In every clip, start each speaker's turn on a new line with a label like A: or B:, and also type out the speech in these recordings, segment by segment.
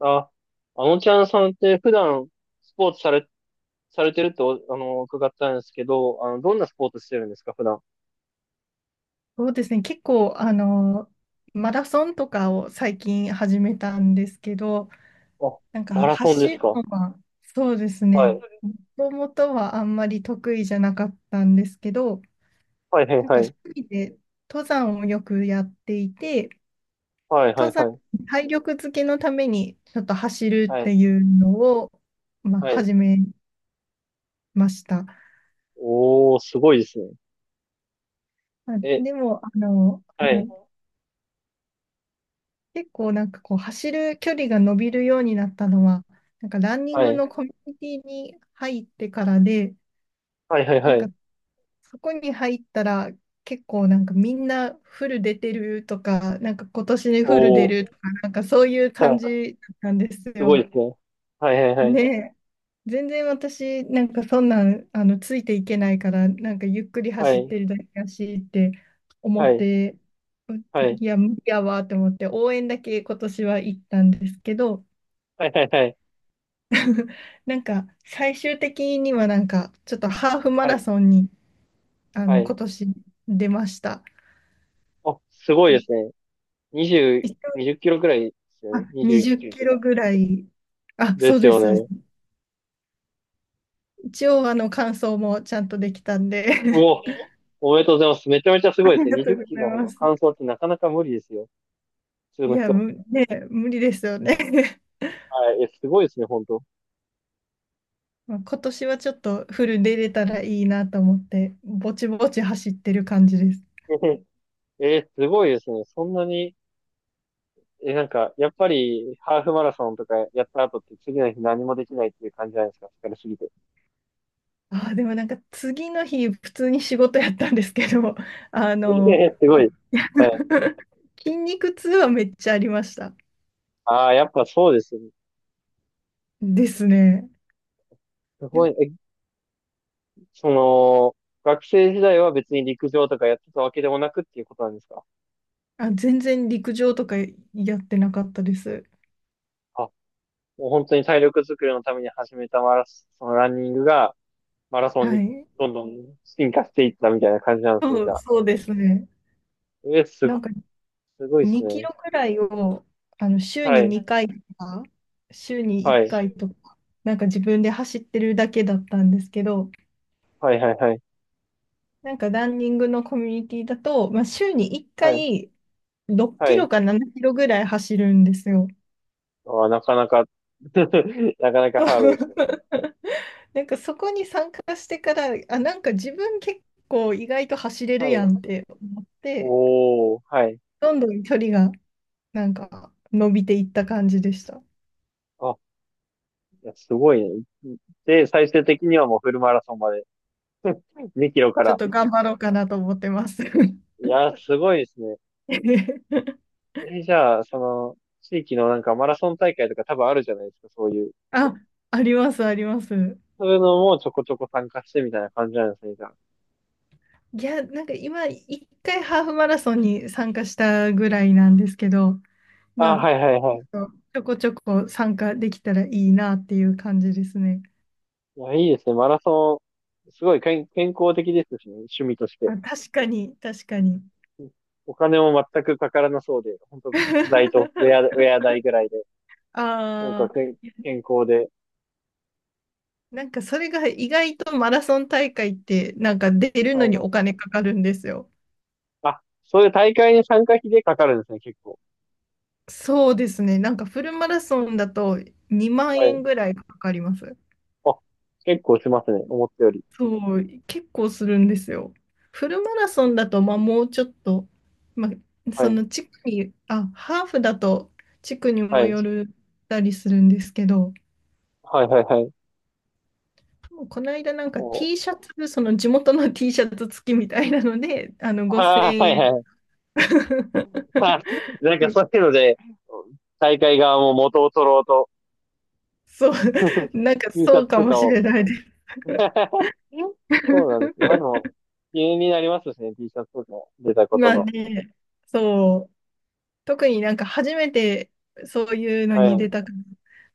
A: あ、あのちゃんさんって普段スポーツされてると、伺ったんですけど、どんなスポーツしてるんですか、普段。
B: そうですね、結構、マラソンとかを最近始めたんですけど、
A: あ、
B: なんか
A: マラソンで
B: 走
A: す
B: る
A: か。
B: のはそうです
A: は
B: ね、
A: い。
B: もともとはあんまり得意じゃなかったんですけど、
A: はいはい
B: なん
A: は
B: か趣
A: い。
B: 味で登山をよくやっていて、
A: はいは
B: 登
A: い
B: 山、
A: はい。
B: 体力づけのためにちょっと走る
A: は
B: って
A: い。
B: いうのを、まあ、
A: はい。
B: 始めました。
A: おー、すごいですね。
B: あ
A: え、
B: でも、
A: は
B: は
A: い。
B: い結構なんかこう走る距離が伸びるようになったのは、なんかランニン
A: は
B: グ
A: い。
B: のコミュニティに入ってからで、
A: はいはい
B: な
A: は
B: んか
A: い。
B: そこに入ったら結構なんかみんなフル出てるとか、なんか今年でフル出
A: お
B: る
A: ー、
B: とか、なんかそういう
A: は
B: 感
A: い。
B: じなんです
A: すご
B: よ。
A: いですね。はいはいは
B: ね
A: い。
B: え。全然私なんかそんなんついていけないから、なんかゆっくり
A: は
B: 走っ
A: い。
B: てるだけやしって思
A: は
B: っ
A: い。
B: て、う
A: はい。
B: いや、無理やわって思って応援だけ今年は行ったんですけど、
A: はいはいはい。
B: なんか最終的にはなんかちょっとハーフマ
A: は
B: ラ
A: い。
B: ソンに
A: はい。
B: 今年出ました。
A: あ、すごいで
B: で、
A: すね。
B: 一
A: 20、
B: 応
A: 20キロくらいですよ
B: あ
A: ね。21
B: 20
A: キ
B: キ
A: ロと
B: ロ
A: か。
B: ぐらい、あ、
A: で
B: そう
A: す
B: で
A: よ
B: す、そうです。
A: ね。
B: 一応完走もちゃんとできたん
A: う
B: で
A: お。おめでとうございます。めちゃめちゃ す
B: あ
A: ごいです
B: り
A: ね。
B: がと
A: 20
B: う
A: キ
B: ござい
A: ロ
B: ま
A: の完
B: す。
A: 走ってなかなか無理ですよ。普通
B: い
A: の
B: や、
A: 人は。
B: 無理ですよね
A: はい。え、すごいですね、本当。
B: まあ今年はちょっとフルで出れたらいいなと思って、ぼちぼち走ってる感じです。
A: すごいですね。そんなに、え、なんか、やっぱり、ハーフマラソンとかやった後って次の日何もできないっていう感じじゃないですか。疲れすぎて。
B: あー、でもなんか次の日普通に仕事やったんですけど、あの、
A: すごい。はい。
B: 筋肉痛はめっちゃありました。
A: ああ、やっぱそうですね。
B: ですね。
A: す
B: で、
A: ごい。え、その、学生時代は別に陸上とかやってたわけでもなくっていうことなんですか？
B: あ、全然陸上とかやってなかったです。
A: あ、もう本当に体力作りのために始めたマラソン、そのランニングが、マラソン
B: は
A: に
B: い。
A: どんどん進化していったみたいな感じなんですね、
B: そ
A: じゃ
B: う、
A: あ。
B: そうですね。
A: えー、す
B: な
A: ご、
B: んか
A: すごいです
B: 2キ
A: ね。
B: ロくらいを週
A: は
B: に
A: い、
B: 2回とか、週に1
A: はい、
B: 回とか、なんか自分で走ってるだけだったんですけど、
A: はい、はい、はい、
B: なんかランニングのコミュニティだと、まあ、週に1
A: はい、
B: 回6
A: は
B: キ
A: い。
B: ロか7キロぐらい走るんですよ。
A: あー、なかなか なかなかハードですね。
B: なんかそこに参加してから、あ、なんか自分結構意外と走れ
A: ハ
B: るや
A: ー
B: んっ
A: ド
B: て思って、
A: おー、はい。
B: どんどん距離がなんか伸びていった感じでした。
A: あ、いや、すごいね。で、最終的にはもうフルマラソンまで2キロか
B: ちょっ
A: ら。
B: と頑張ろうかなと思ってます。
A: いや、すごいですね。じゃあ、地域のなんかマラソン大会とか多分あるじゃないですか、そういう。
B: あ、あります、あります。
A: そういうのもちょこちょこ参加してみたいな感じなんですね、じゃ
B: いや、なんか今、一回ハーフマラソンに参加したぐらいなんですけど、
A: あ。
B: まあ、
A: あ、
B: ち
A: はいはいはい。
B: ょっとちょこちょこ参加できたらいいなっていう感じですね。
A: いや、いいですね。マラソン、すごい健康的ですしね、趣味として。
B: あ、確かに、確かに。
A: うん。お金も全くかからなそうで、本当靴代とウェア代ぐらいで、なんか
B: ああ、いや
A: 健康で。
B: なんかそれが意外とマラソン大会ってなんか出るの
A: は
B: にお
A: い。
B: 金かかるんですよ。
A: あ、そういう大会に参加費でかかるんですね、結構。
B: そうですね。なんかフルマラソンだと2万
A: はい。
B: 円ぐらいかかります。
A: あ、結構しますね、思ったより。
B: そう、結構するんですよ。フルマラソンだと、まあ、もうちょっと、まあ、
A: は
B: そ
A: い。
B: の地区に、あ、ハーフだと地区に
A: は
B: も
A: い。
B: よるたりするんですけど、
A: はい、はい、はい。
B: この間なんか T
A: お
B: シャツ、その地元の T シャツ付きみたいなので、あの5000
A: ああ、はい
B: 円
A: はい。あ、なんかそういうので、大会側も元を取ろうと、
B: そう、なんか
A: 印
B: そ
A: 刷
B: うか
A: と
B: も
A: か
B: し
A: を
B: れないです。
A: そうなんで すよ。まあの、気になりますしね、T シャツとか出たこと
B: まあ
A: の。
B: ね、そう、特になんか初めてそういうの
A: は
B: に出
A: い。
B: たから、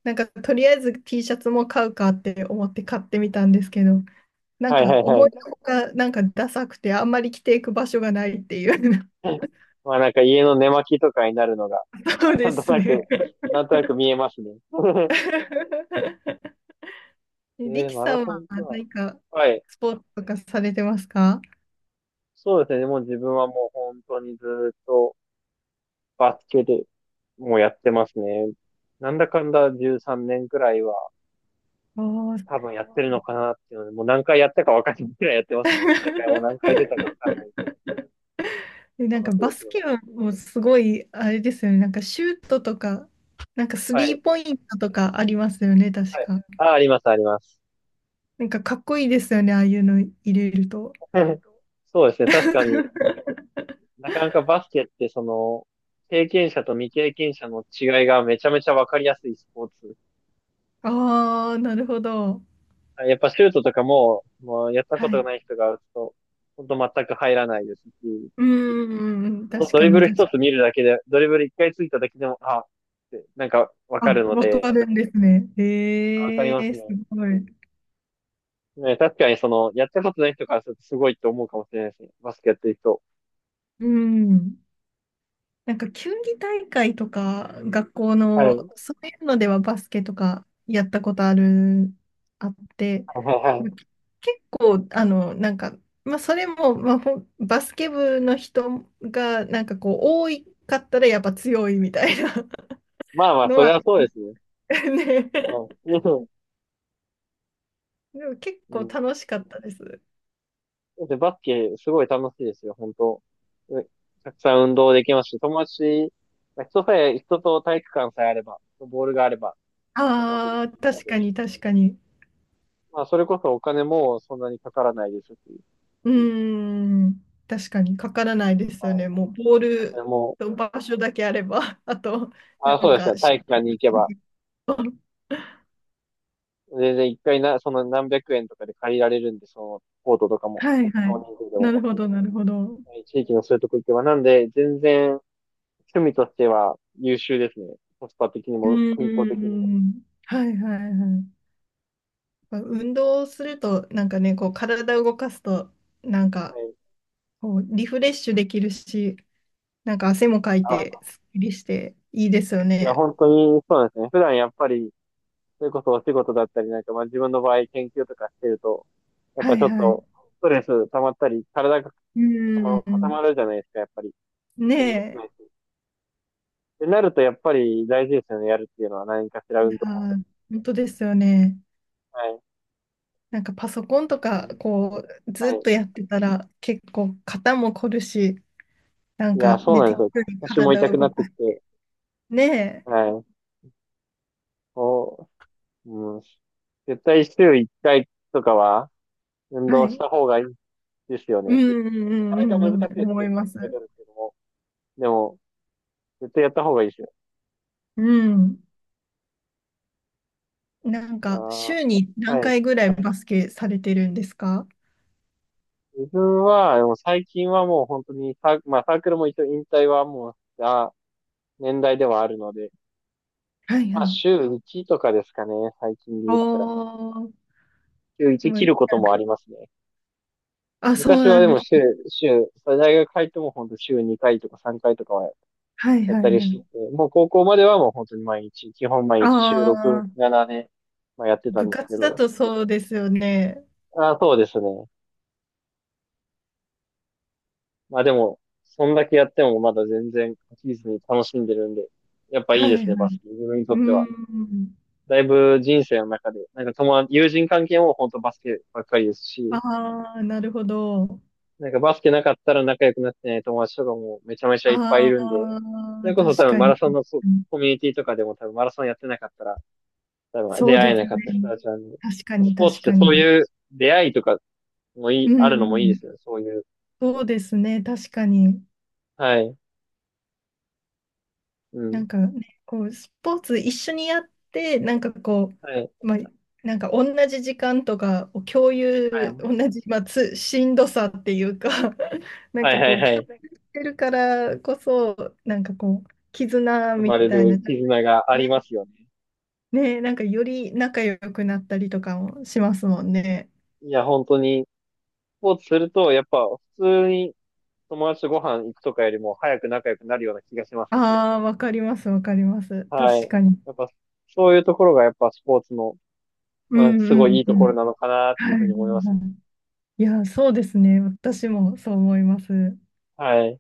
B: なんかとりあえず T シャツも買うかって思って買ってみたんですけど、なん
A: はい
B: か
A: はいは
B: 思い
A: い。
B: のほかなんかダサくてあんまり着ていく場所がないっていう。
A: まあなんか家の寝巻きとかになるのが、
B: そう
A: な
B: で
A: んと
B: す
A: な
B: ね。
A: く、なんとなく見えますね。
B: リキ
A: マ
B: さ
A: ラ
B: ん
A: ソ
B: は
A: ンか。
B: 何か
A: はい。
B: スポーツとかされてますか？
A: そうですね。もう自分はもう本当にずっとバスケでもうやってますね。なんだかんだ13年くらいは
B: ああ
A: 多
B: ー。
A: 分やってるのかなっていうので、もう何回やったかわかんないくらいやってますね。大会も何回出たかわかん ない。
B: で、なん
A: 楽
B: か
A: しい
B: バ
A: です
B: ス
A: よ
B: ケ
A: ね。
B: もすごい、あれですよね。なんかシュートとか、なんかス
A: は
B: リ
A: い。
B: ーポイントとかありますよね、確
A: はい。
B: か。
A: あ、あります、あります。
B: なんかかっこいいですよね、ああいうの入れると。
A: そうですね。確かに なかなかバスケって経験者と未経験者の違いがめちゃめちゃわかりやすいスポーツ。
B: ああ、なるほど。
A: はい。やっぱシュートとかも、もうやったこ
B: は
A: とが
B: い。
A: ない人が打つと、ほんと全く入らないですし、
B: うんうんうん、
A: ほんと
B: 確
A: ド
B: か
A: リブ
B: に、
A: ル
B: 確か
A: 一
B: に。
A: つ見るだけで、ドリブル一回ついただけでも、あ、ってなんかわか
B: あ、
A: るの
B: わ
A: で、
B: かるんですね。
A: わかり
B: え
A: ま
B: え
A: すね。
B: すごい。
A: ね、確かにやったことない人からするとすごいと思うかもしれないですね。バスケやってる人。
B: うん。なんか球技大会とか、学校
A: はい。は
B: の、
A: い
B: そういうのではバスケとかやったことある、あって、
A: はいは
B: まあ
A: い。
B: 結構、なんか、まあ、それも、まあ、バスケ部の人が、なんかこう、多いかったらやっぱ強いみたいな
A: まあま あ、
B: の
A: それ
B: は、
A: はそうですね。
B: ね、
A: は い。
B: でも結
A: う
B: 構
A: ん。
B: 楽しかったです。
A: うん。で、バスケ、すごい楽しいですよ、本当。うたくさん運動できますし、友達、まあ人さえ、人と体育館さえあれば、ボールがあれば、もう本当でき
B: ああ、
A: るの
B: 確
A: で。
B: かに確かに。
A: まあ、それこそお金もそんなにかからないですし、
B: うーん、確かにかからないですよね。
A: は
B: もうボー
A: い。それ
B: ル
A: も、
B: と場所だけあれば、あと、な
A: あ、そう
B: ん
A: ですね、
B: か、シ
A: 体育
B: ュ
A: 館に行けば、
B: ート
A: 全然一回な、その何百円とかで借りられるんで、その、コートとかも、
B: はいは
A: 少
B: い。
A: 人数で
B: な
A: も、
B: るほど、なるほど。
A: はい。地域のそういうとこ行けば、なんで、全然、趣味としては優秀ですね。コスパ的に
B: う
A: も、健康
B: ー
A: 的にも。
B: ん、はいはいはい。まあ運動すると、なんかね、こう体を動かすと、なん
A: は
B: か
A: い。
B: こうリフレッシュできるし、なんか汗もかいて、
A: あ、
B: すっきりしていいですよ
A: いや、
B: ね。
A: 本当にそうなんですね。普段やっぱり、それこそお仕事だったりなんか、まあ自分の場合研究とかしてると、やっ
B: は
A: ぱ
B: い
A: ちょっ
B: は
A: と
B: い。
A: ストレス溜まったり、体が
B: うー
A: 固
B: ん、
A: まるじゃないですか、やっぱり。運動し
B: ね
A: ないし。ってなると、やっぱり大事ですよね、やるっていうのは何かしら
B: え。い
A: 運
B: や
A: 動。
B: ー、本当ですよね。
A: はい。
B: なんかパソコンと
A: う
B: か、
A: ん。
B: こう、
A: は
B: ずっ
A: い。
B: とやってたら、結構肩も凝るし、なん
A: いや、
B: か
A: そう
B: ね、
A: なんです
B: 適
A: よ。
B: 度に
A: 腰も
B: 体
A: 痛
B: を
A: くな
B: 動
A: って
B: か
A: き
B: す。
A: て、
B: ね
A: はい。こう、うん。絶対週1回とかは運
B: え。は
A: 動
B: い。
A: し
B: う
A: た方がいいですよ
B: んう
A: ね。
B: んう
A: なか
B: んう
A: なか難し
B: んう
A: い
B: ん、
A: ですけ
B: 思
A: ど、
B: います。
A: 取るけども。絶対やった方がいいですよ。
B: うん。なんか、週に
A: あー、
B: 何
A: はい。
B: 回ぐらいバスケされてるんですか？
A: 自分は、でも最近はもう本当にまあサークルも一応引退はもうした年代ではあるので、
B: はいは
A: まあ
B: い。
A: 週1とかですかね、最近で
B: お
A: 言ったら。
B: ー、
A: 週
B: で
A: 1
B: もな
A: 切
B: んか、
A: ることもありますね。
B: あ、そう
A: 昔は
B: なん
A: で
B: で
A: も
B: す。
A: 大学入っても本当週2回とか3回とかは
B: はい
A: やっ
B: は
A: た
B: い
A: り
B: は
A: して
B: い。
A: て、もう高校まではもう本当に毎日、基本毎
B: あ
A: 日週6、
B: あ、
A: 7で、まあ、やってた
B: 部
A: んですけ
B: 活だ
A: ど、
B: とそうですよね。
A: あー、そうですね。まあでも、そんだけやってもまだ全然飽きずに楽しんでるんで、やっぱい
B: は
A: いで
B: い
A: すね、
B: は
A: バス
B: い。
A: ケ。自分にとっ
B: う
A: ては。
B: ん。
A: だいぶ人生の中で、なんか友達、友人関係も本当バスケばっかりですし、
B: ああ、なるほど。
A: なんかバスケなかったら仲良くなってない友達とかもめちゃめちゃいっぱいい
B: あ
A: るんで、そ
B: あ、
A: れこそ多
B: 確
A: 分
B: か
A: マ
B: に。
A: ラソンの
B: うん
A: コミュニティとかでも多分マラソンやってなかったら、多分
B: そ
A: 出
B: う
A: 会
B: で
A: え
B: す
A: な
B: ね。
A: かった人たちなんで、
B: 確かに、
A: スポーツ
B: 確
A: って
B: か
A: そう
B: に。
A: いう出会いとかもい
B: う
A: い、あ
B: ん
A: る
B: う
A: のもいいで
B: ん。
A: すよね、そういう。
B: そうですね、確かに。
A: はい。う
B: な
A: ん。
B: んかね、こう、スポーツ一緒にやって、なんかこ
A: はい。
B: う、まあ、なんか同じ時間とかを共
A: は
B: 有、
A: い。
B: 同じ、まあ、しんどさっていうか、なん
A: はい
B: か
A: は
B: こ
A: い
B: う、
A: は
B: 共
A: い。
B: 有してるからこそ、なんかこう、絆
A: 生
B: み
A: まれ
B: たいな、
A: る絆がありま
B: ね、
A: すよね。
B: ね、なんかより仲良くなったりとかもしますもんね。
A: いや、本当に、スポーツすると、やっぱ普通に友達とご飯行くとかよりも早く仲良くなるような気がしますね。
B: ああ、わかります、わかります。
A: はい。
B: 確かに。
A: やっぱ、そういうところがやっぱスポーツの、
B: う
A: まあ、すご
B: んう
A: いい
B: ん
A: い
B: う
A: ところ
B: ん。
A: なのかなっ
B: は
A: て
B: い
A: い
B: は
A: うふうに思います
B: い
A: ね。
B: はい。いや、そうですね。私もそう思います。
A: はい。